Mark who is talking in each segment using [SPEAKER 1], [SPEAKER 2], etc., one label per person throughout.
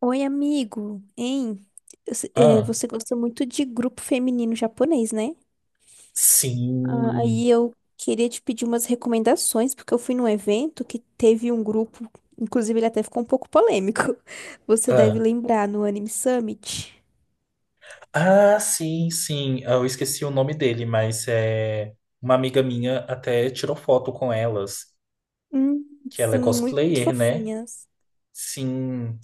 [SPEAKER 1] Oi, amigo, hein? Eu se- eh,
[SPEAKER 2] Ah,
[SPEAKER 1] Você gosta muito de grupo feminino japonês, né?
[SPEAKER 2] sim.
[SPEAKER 1] Aí eu queria te pedir umas recomendações, porque eu fui num evento que teve um grupo, inclusive ele até ficou um pouco polêmico. Você deve
[SPEAKER 2] Ah,
[SPEAKER 1] lembrar no Anime Summit.
[SPEAKER 2] sim, sim. Ah, eu esqueci o nome dele, mas é uma amiga minha até tirou foto com elas,
[SPEAKER 1] Hum,
[SPEAKER 2] que ela é
[SPEAKER 1] sim, muito
[SPEAKER 2] cosplayer, né?
[SPEAKER 1] fofinhas.
[SPEAKER 2] Sim.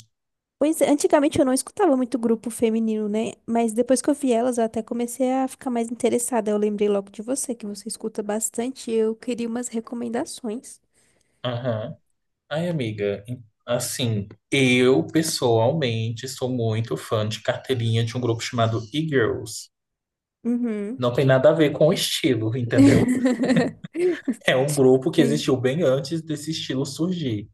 [SPEAKER 1] Pois é, antigamente eu não escutava muito grupo feminino, né? Mas depois que eu vi elas, eu até comecei a ficar mais interessada. Eu lembrei logo de você, que você escuta bastante, e eu queria umas recomendações.
[SPEAKER 2] Aham. Ai, amiga, assim, eu pessoalmente sou muito fã de carteirinha de um grupo chamado E-Girls.
[SPEAKER 1] Uhum.
[SPEAKER 2] Não tem nada a ver com o estilo, entendeu? É um grupo que
[SPEAKER 1] Sim.
[SPEAKER 2] existiu bem antes desse estilo surgir.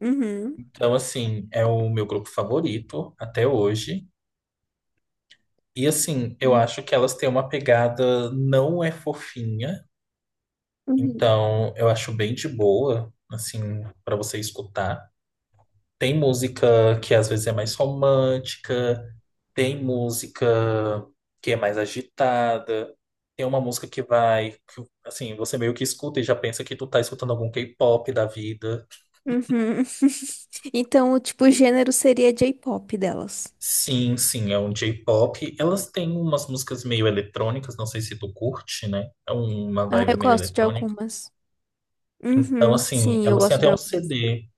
[SPEAKER 1] Uhum.
[SPEAKER 2] Então, assim, é o meu grupo favorito até hoje. E assim, eu
[SPEAKER 1] Uhum.
[SPEAKER 2] acho que elas têm uma pegada não é fofinha, então eu acho bem de boa, assim, pra você escutar. Tem música que às vezes é mais romântica, tem música que é mais agitada, tem uma música que vai, que, assim, você meio que escuta e já pensa que tu tá escutando algum K-pop da vida.
[SPEAKER 1] Uhum. Então, o tipo, o gênero seria J-pop delas.
[SPEAKER 2] Sim, sim, é um J-pop. Elas têm umas músicas meio eletrônicas, não sei se tu curte, né? É uma
[SPEAKER 1] Ah,
[SPEAKER 2] vibe
[SPEAKER 1] eu
[SPEAKER 2] meio
[SPEAKER 1] gosto de
[SPEAKER 2] eletrônica.
[SPEAKER 1] algumas.
[SPEAKER 2] Então,
[SPEAKER 1] Uhum.
[SPEAKER 2] assim,
[SPEAKER 1] Sim, eu
[SPEAKER 2] elas têm
[SPEAKER 1] gosto
[SPEAKER 2] até
[SPEAKER 1] de
[SPEAKER 2] um
[SPEAKER 1] algumas.
[SPEAKER 2] CD.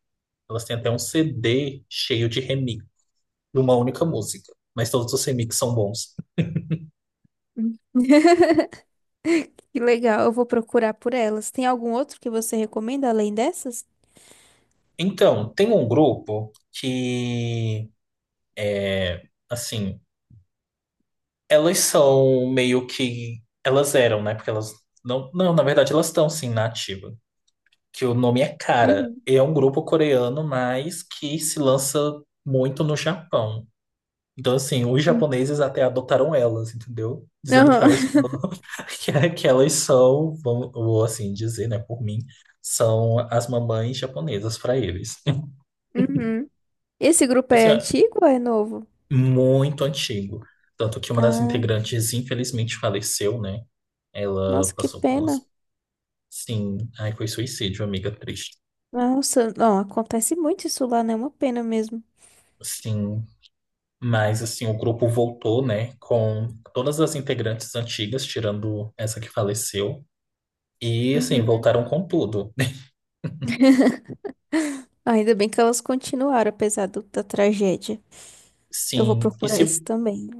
[SPEAKER 2] Elas têm até um CD cheio de remix de uma única música. Mas todos os remixes são bons.
[SPEAKER 1] Hum. Que legal, eu vou procurar por elas. Tem algum outro que você recomenda além dessas?
[SPEAKER 2] Então, tem um grupo que, é, assim, elas são meio que. Elas eram, né? Porque elas. Não, não, na verdade, elas estão, sim, na ativa. Que o nome é Cara.
[SPEAKER 1] Uhum.
[SPEAKER 2] E é um grupo coreano, mas que se lança muito no Japão. Então, assim, os
[SPEAKER 1] Uhum.
[SPEAKER 2] japoneses até adotaram elas, entendeu? Dizendo que
[SPEAKER 1] Aham.
[SPEAKER 2] elas são, que elas são, vou assim dizer, né, por mim, são as mamães japonesas para eles.
[SPEAKER 1] Uhum. Esse grupo é
[SPEAKER 2] Assim, é
[SPEAKER 1] antigo ou é novo?
[SPEAKER 2] muito antigo. Tanto que uma das
[SPEAKER 1] Ah,
[SPEAKER 2] integrantes, infelizmente, faleceu, né? Ela
[SPEAKER 1] nossa, que
[SPEAKER 2] passou por
[SPEAKER 1] pena.
[SPEAKER 2] uns. Sim, aí foi suicídio, amiga triste.
[SPEAKER 1] Nossa, não, acontece muito isso lá, né? É uma pena mesmo.
[SPEAKER 2] Sim, mas assim, o grupo voltou, né, com todas as integrantes antigas, tirando essa que faleceu. E assim, voltaram com tudo.
[SPEAKER 1] Ainda bem que elas continuaram, apesar da tragédia. Eu vou
[SPEAKER 2] Sim,
[SPEAKER 1] procurar isso também.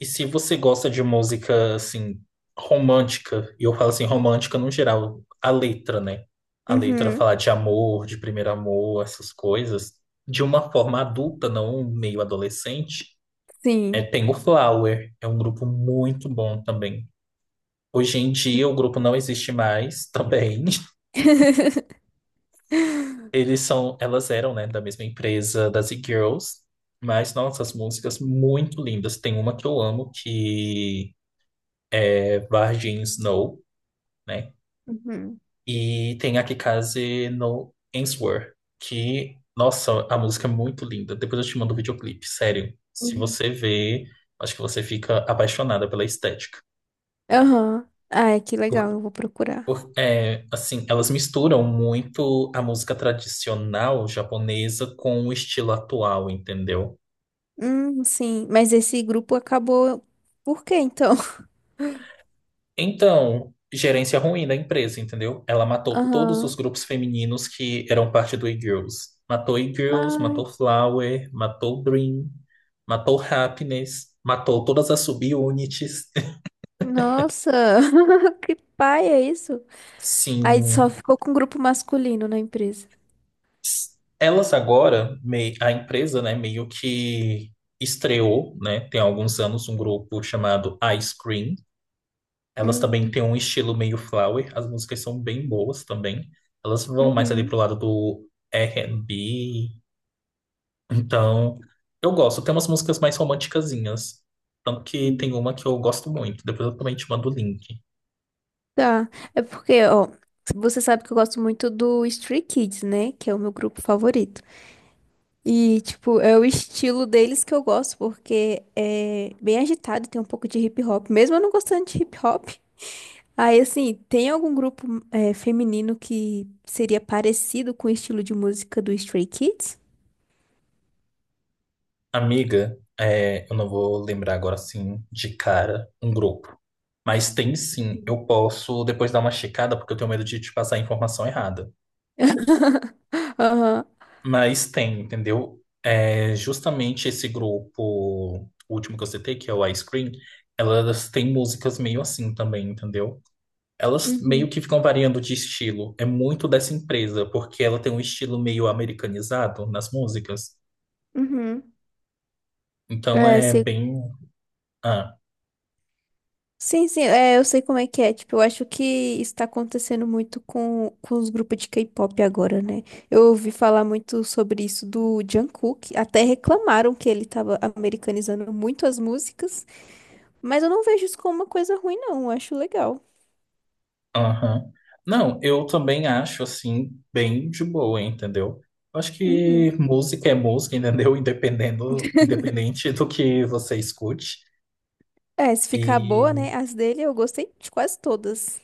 [SPEAKER 2] e se você gosta de música assim romântica, e eu falo assim romântica no geral, a letra, né? A letra
[SPEAKER 1] Uhum,
[SPEAKER 2] falar de amor, de primeiro amor, essas coisas, de uma forma adulta, não meio adolescente, é
[SPEAKER 1] sim.
[SPEAKER 2] Tengo Flower, é um grupo muito bom também. Hoje em dia o grupo não existe mais também. Eles são, elas eram, né, da mesma empresa das E-Girls, mas nossa, as músicas muito lindas. Tem uma que eu amo que Barjin Snow, né?
[SPEAKER 1] Uhum.
[SPEAKER 2] E tem a Kikaze no Answer, que, nossa, a música é muito linda. Depois eu te mando o videoclipe, sério. Se
[SPEAKER 1] Uhum.
[SPEAKER 2] você vê, acho que você fica apaixonada pela estética.
[SPEAKER 1] Aham. Ai, que legal,
[SPEAKER 2] Por,
[SPEAKER 1] eu vou procurar.
[SPEAKER 2] é, assim, elas misturam muito a música tradicional japonesa com o estilo atual, entendeu?
[SPEAKER 1] Sim. Mas esse grupo acabou. Por quê, então?
[SPEAKER 2] Então, gerência ruim da empresa, entendeu? Ela matou todos os
[SPEAKER 1] Aham.
[SPEAKER 2] grupos femininos que eram parte do E-Girls. Matou E-Girls, matou
[SPEAKER 1] Ai,
[SPEAKER 2] Flower, matou Dream, matou Happiness, matou todas as subunits.
[SPEAKER 1] nossa. Que pai é isso? Aí só
[SPEAKER 2] Sim.
[SPEAKER 1] ficou com o grupo masculino na empresa.
[SPEAKER 2] Elas agora, a empresa, né, meio que estreou, né, tem alguns anos, um grupo chamado Ice Cream. Elas também
[SPEAKER 1] Hum.
[SPEAKER 2] têm um estilo meio flower, as músicas são bem boas também. Elas vão mais ali pro
[SPEAKER 1] Uhum.
[SPEAKER 2] lado do R&B. Então, eu gosto. Tem umas músicas mais romanticazinhas. Tanto que tem
[SPEAKER 1] Uhum.
[SPEAKER 2] uma que eu gosto muito. Depois eu também te mando o link.
[SPEAKER 1] Tá. É porque, ó, você sabe que eu gosto muito do Stray Kids, né? Que é o meu grupo favorito. E, tipo, é o estilo deles que eu gosto, porque é bem agitado, tem um pouco de hip hop. Mesmo eu não gostando de hip hop. Aí, assim, tem algum grupo é, feminino que seria parecido com o estilo de música do Stray Kids?
[SPEAKER 2] Amiga, é, eu não vou lembrar agora assim de cara um grupo. Mas tem sim, eu posso depois dar uma checada porque eu tenho medo de te passar a informação errada.
[SPEAKER 1] Aham.
[SPEAKER 2] Mas tem, entendeu? É, justamente esse grupo último que eu citei, que é o Ice Cream, elas têm músicas meio assim também, entendeu? Elas
[SPEAKER 1] Uhum.
[SPEAKER 2] meio que ficam variando de estilo. É muito dessa empresa, porque ela tem um estilo meio americanizado nas músicas.
[SPEAKER 1] Uhum.
[SPEAKER 2] Então
[SPEAKER 1] É,
[SPEAKER 2] é bem. Ah,
[SPEAKER 1] sim, sim, é, eu sei como é que é. Tipo, eu acho que isso tá acontecendo muito com os grupos de K-pop agora, né? Eu ouvi falar muito sobre isso do Jungkook. Até reclamaram que ele tava americanizando muito as músicas. Mas eu não vejo isso como uma coisa ruim, não. Eu acho legal.
[SPEAKER 2] aham. Não, eu também acho assim, bem de boa, entendeu? Eu acho que
[SPEAKER 1] Uhum.
[SPEAKER 2] música é música, entendeu? Independendo, independente do que você escute.
[SPEAKER 1] É, se ficar boa,
[SPEAKER 2] E
[SPEAKER 1] né? As dele eu gostei de quase todas.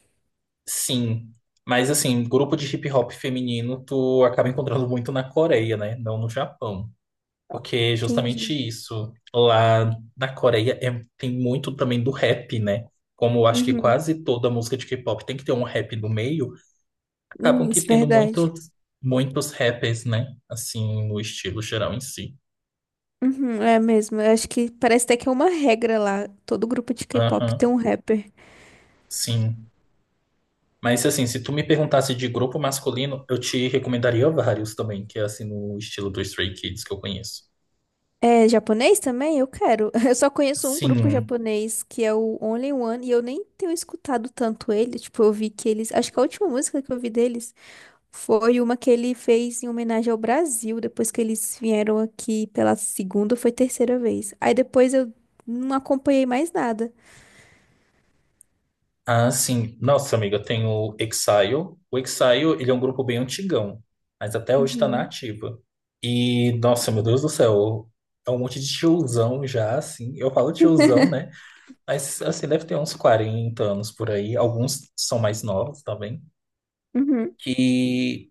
[SPEAKER 2] sim, mas assim, grupo de hip hop feminino tu acaba encontrando muito na Coreia, né? Não no Japão. Porque justamente
[SPEAKER 1] Entendi.
[SPEAKER 2] isso, lá na Coreia tem muito também do rap, né? Como eu acho que
[SPEAKER 1] Uhum.
[SPEAKER 2] quase toda música de K-pop tem que ter um rap no meio, acabam que
[SPEAKER 1] Isso é
[SPEAKER 2] tendo
[SPEAKER 1] verdade.
[SPEAKER 2] muitos, muitos rappers, né? Assim, no estilo geral em si.
[SPEAKER 1] Uhum, é mesmo. Eu acho que parece até que é uma regra lá. Todo grupo de K-pop tem
[SPEAKER 2] Aham,
[SPEAKER 1] um rapper.
[SPEAKER 2] sim. Mas assim, se tu me perguntasse de grupo masculino, eu te recomendaria vários também, que é assim no estilo do Stray Kids que eu conheço.
[SPEAKER 1] É japonês também? Eu quero. Eu só conheço um grupo
[SPEAKER 2] Sim.
[SPEAKER 1] japonês que é o Only One e eu nem tenho escutado tanto ele. Tipo, eu vi que eles. Acho que a última música que eu vi deles foi uma que ele fez em homenagem ao Brasil, depois que eles vieram aqui pela segunda ou foi terceira vez. Aí depois eu não acompanhei mais nada.
[SPEAKER 2] Ah, sim. Nossa, amiga, tem o Exile. O Exile, ele é um grupo bem antigão, mas até hoje tá na
[SPEAKER 1] Uhum,
[SPEAKER 2] ativa. E, nossa, meu Deus do céu, é um monte de tiozão já, assim. Eu falo tiozão, né? Mas, assim, deve ter uns 40 anos por aí. Alguns são mais novos também.
[SPEAKER 1] uhum,
[SPEAKER 2] Que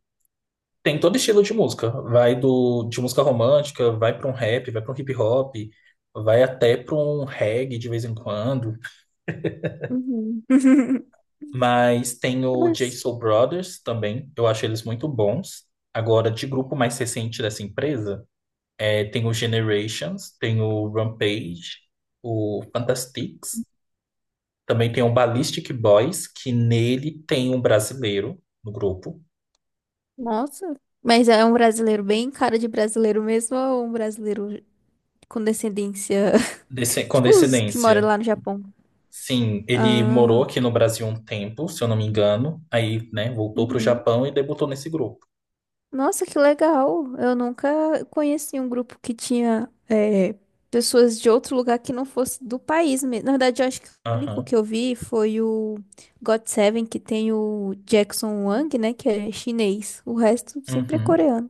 [SPEAKER 2] tem todo estilo de música. Vai do, de música romântica, vai pra um rap, vai pra um hip hop, vai até pra um reggae de vez em quando.
[SPEAKER 1] uhum.
[SPEAKER 2] Mas tem o J
[SPEAKER 1] Mas,
[SPEAKER 2] Soul Brothers também, eu acho eles muito bons. Agora, de grupo mais recente dessa empresa, é, tem o Generations, tem o Rampage, o Fantastics, também tem o Ballistic Boys, que nele tem um brasileiro no grupo.
[SPEAKER 1] nossa. Mas é um brasileiro bem cara de brasileiro mesmo ou um brasileiro com descendência?
[SPEAKER 2] Desse, com
[SPEAKER 1] Tipo os que moram
[SPEAKER 2] descendência,
[SPEAKER 1] lá no Japão.
[SPEAKER 2] sim, ele morou
[SPEAKER 1] Ah,
[SPEAKER 2] aqui no Brasil um tempo, se eu não me engano, aí, né, voltou para o
[SPEAKER 1] uhum.
[SPEAKER 2] Japão e debutou nesse grupo.
[SPEAKER 1] Nossa, que legal. Eu nunca conheci um grupo que tinha é, pessoas de outro lugar que não fosse do país mesmo. Na verdade, eu acho que o único
[SPEAKER 2] Aham,
[SPEAKER 1] que eu vi foi o God Seven, que tem o Jackson Wang, né, que é chinês. O resto sempre é
[SPEAKER 2] uhum.
[SPEAKER 1] coreano.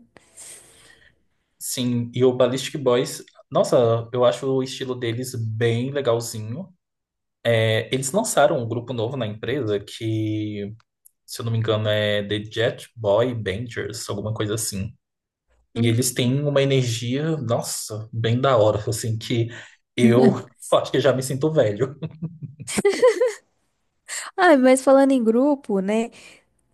[SPEAKER 2] Sim, e o Ballistic Boys, nossa, eu acho o estilo deles bem legalzinho. É, eles lançaram um grupo novo na empresa que, se eu não me engano, é The Jet Boy Bangers, alguma coisa assim. E
[SPEAKER 1] Hum.
[SPEAKER 2] eles têm uma energia, nossa, bem da hora, assim, que eu acho que já me sinto velho.
[SPEAKER 1] Ah, mas falando em grupo, né?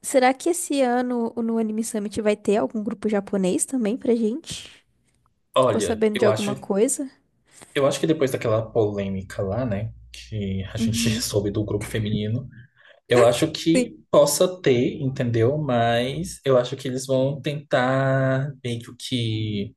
[SPEAKER 1] Será que esse ano no Anime Summit vai ter algum grupo japonês também pra gente? Ficou
[SPEAKER 2] Olha,
[SPEAKER 1] sabendo de alguma coisa?
[SPEAKER 2] eu acho que depois daquela polêmica lá, né, que a gente
[SPEAKER 1] Uhum.
[SPEAKER 2] soube do grupo feminino. Eu acho que possa ter, entendeu? Mas eu acho que eles vão tentar meio que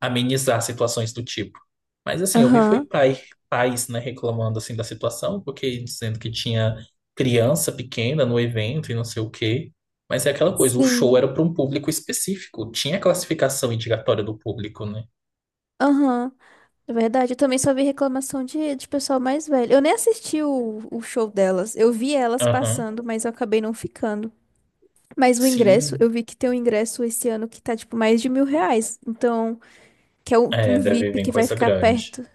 [SPEAKER 2] amenizar situações do tipo. Mas assim, eu vi foi
[SPEAKER 1] Aham,
[SPEAKER 2] pai, pais, né, reclamando assim da situação, porque dizendo que tinha criança pequena no evento e não sei o quê. Mas é aquela coisa, o show
[SPEAKER 1] sim.
[SPEAKER 2] era para um público específico, tinha a classificação indicatória do público, né?
[SPEAKER 1] Aham, é verdade. Eu também só vi reclamação de pessoal mais velho. Eu nem assisti o show delas. Eu vi elas
[SPEAKER 2] Aham.
[SPEAKER 1] passando, mas eu acabei não ficando. Mas o ingresso,
[SPEAKER 2] Sim,
[SPEAKER 1] eu vi que tem um ingresso esse ano que tá, tipo, mais de mil reais. Então, que é um,
[SPEAKER 2] é,
[SPEAKER 1] um
[SPEAKER 2] deve
[SPEAKER 1] VIP
[SPEAKER 2] vir
[SPEAKER 1] que vai
[SPEAKER 2] coisa
[SPEAKER 1] ficar
[SPEAKER 2] grande.
[SPEAKER 1] perto.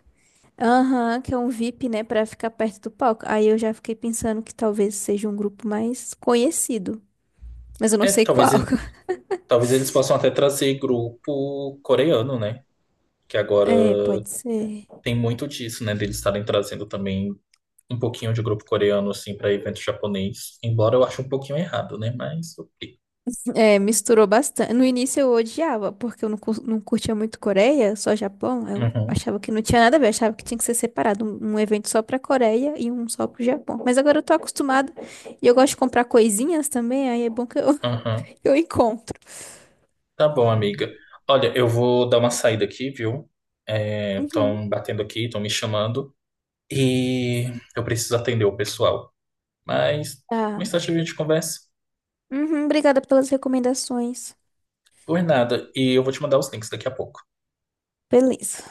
[SPEAKER 1] Aham, que é um VIP, né, pra ficar perto do palco. Aí eu já fiquei pensando que talvez seja um grupo mais conhecido. Mas eu não
[SPEAKER 2] É,
[SPEAKER 1] sei qual.
[SPEAKER 2] talvez eles possam até trazer grupo coreano, né? Que
[SPEAKER 1] É,
[SPEAKER 2] agora
[SPEAKER 1] pode ser.
[SPEAKER 2] tem muito disso, né, deles estarem trazendo também um pouquinho de grupo coreano, assim, para evento japonês. Embora eu ache um pouquinho errado, né, mas ok.
[SPEAKER 1] É, misturou bastante. No início eu odiava, porque eu não, não curtia muito Coreia, só Japão. Eu
[SPEAKER 2] Uhum,
[SPEAKER 1] achava que não tinha nada a ver, achava que tinha que ser separado, um evento só pra Coreia e um só pro Japão. Mas agora eu tô acostumada e eu gosto de comprar coisinhas também, aí é bom que eu,
[SPEAKER 2] uhum.
[SPEAKER 1] eu encontro.
[SPEAKER 2] Tá bom, amiga. Olha, eu vou dar uma saída aqui, viu?
[SPEAKER 1] Uhum.
[SPEAKER 2] Estão batendo aqui, estão me chamando. E eu preciso atender o pessoal. Mas
[SPEAKER 1] Tá.
[SPEAKER 2] mais tarde a gente conversa.
[SPEAKER 1] Uhum, obrigada pelas recomendações.
[SPEAKER 2] Por nada. E eu vou te mandar os links daqui a pouco.
[SPEAKER 1] Beleza.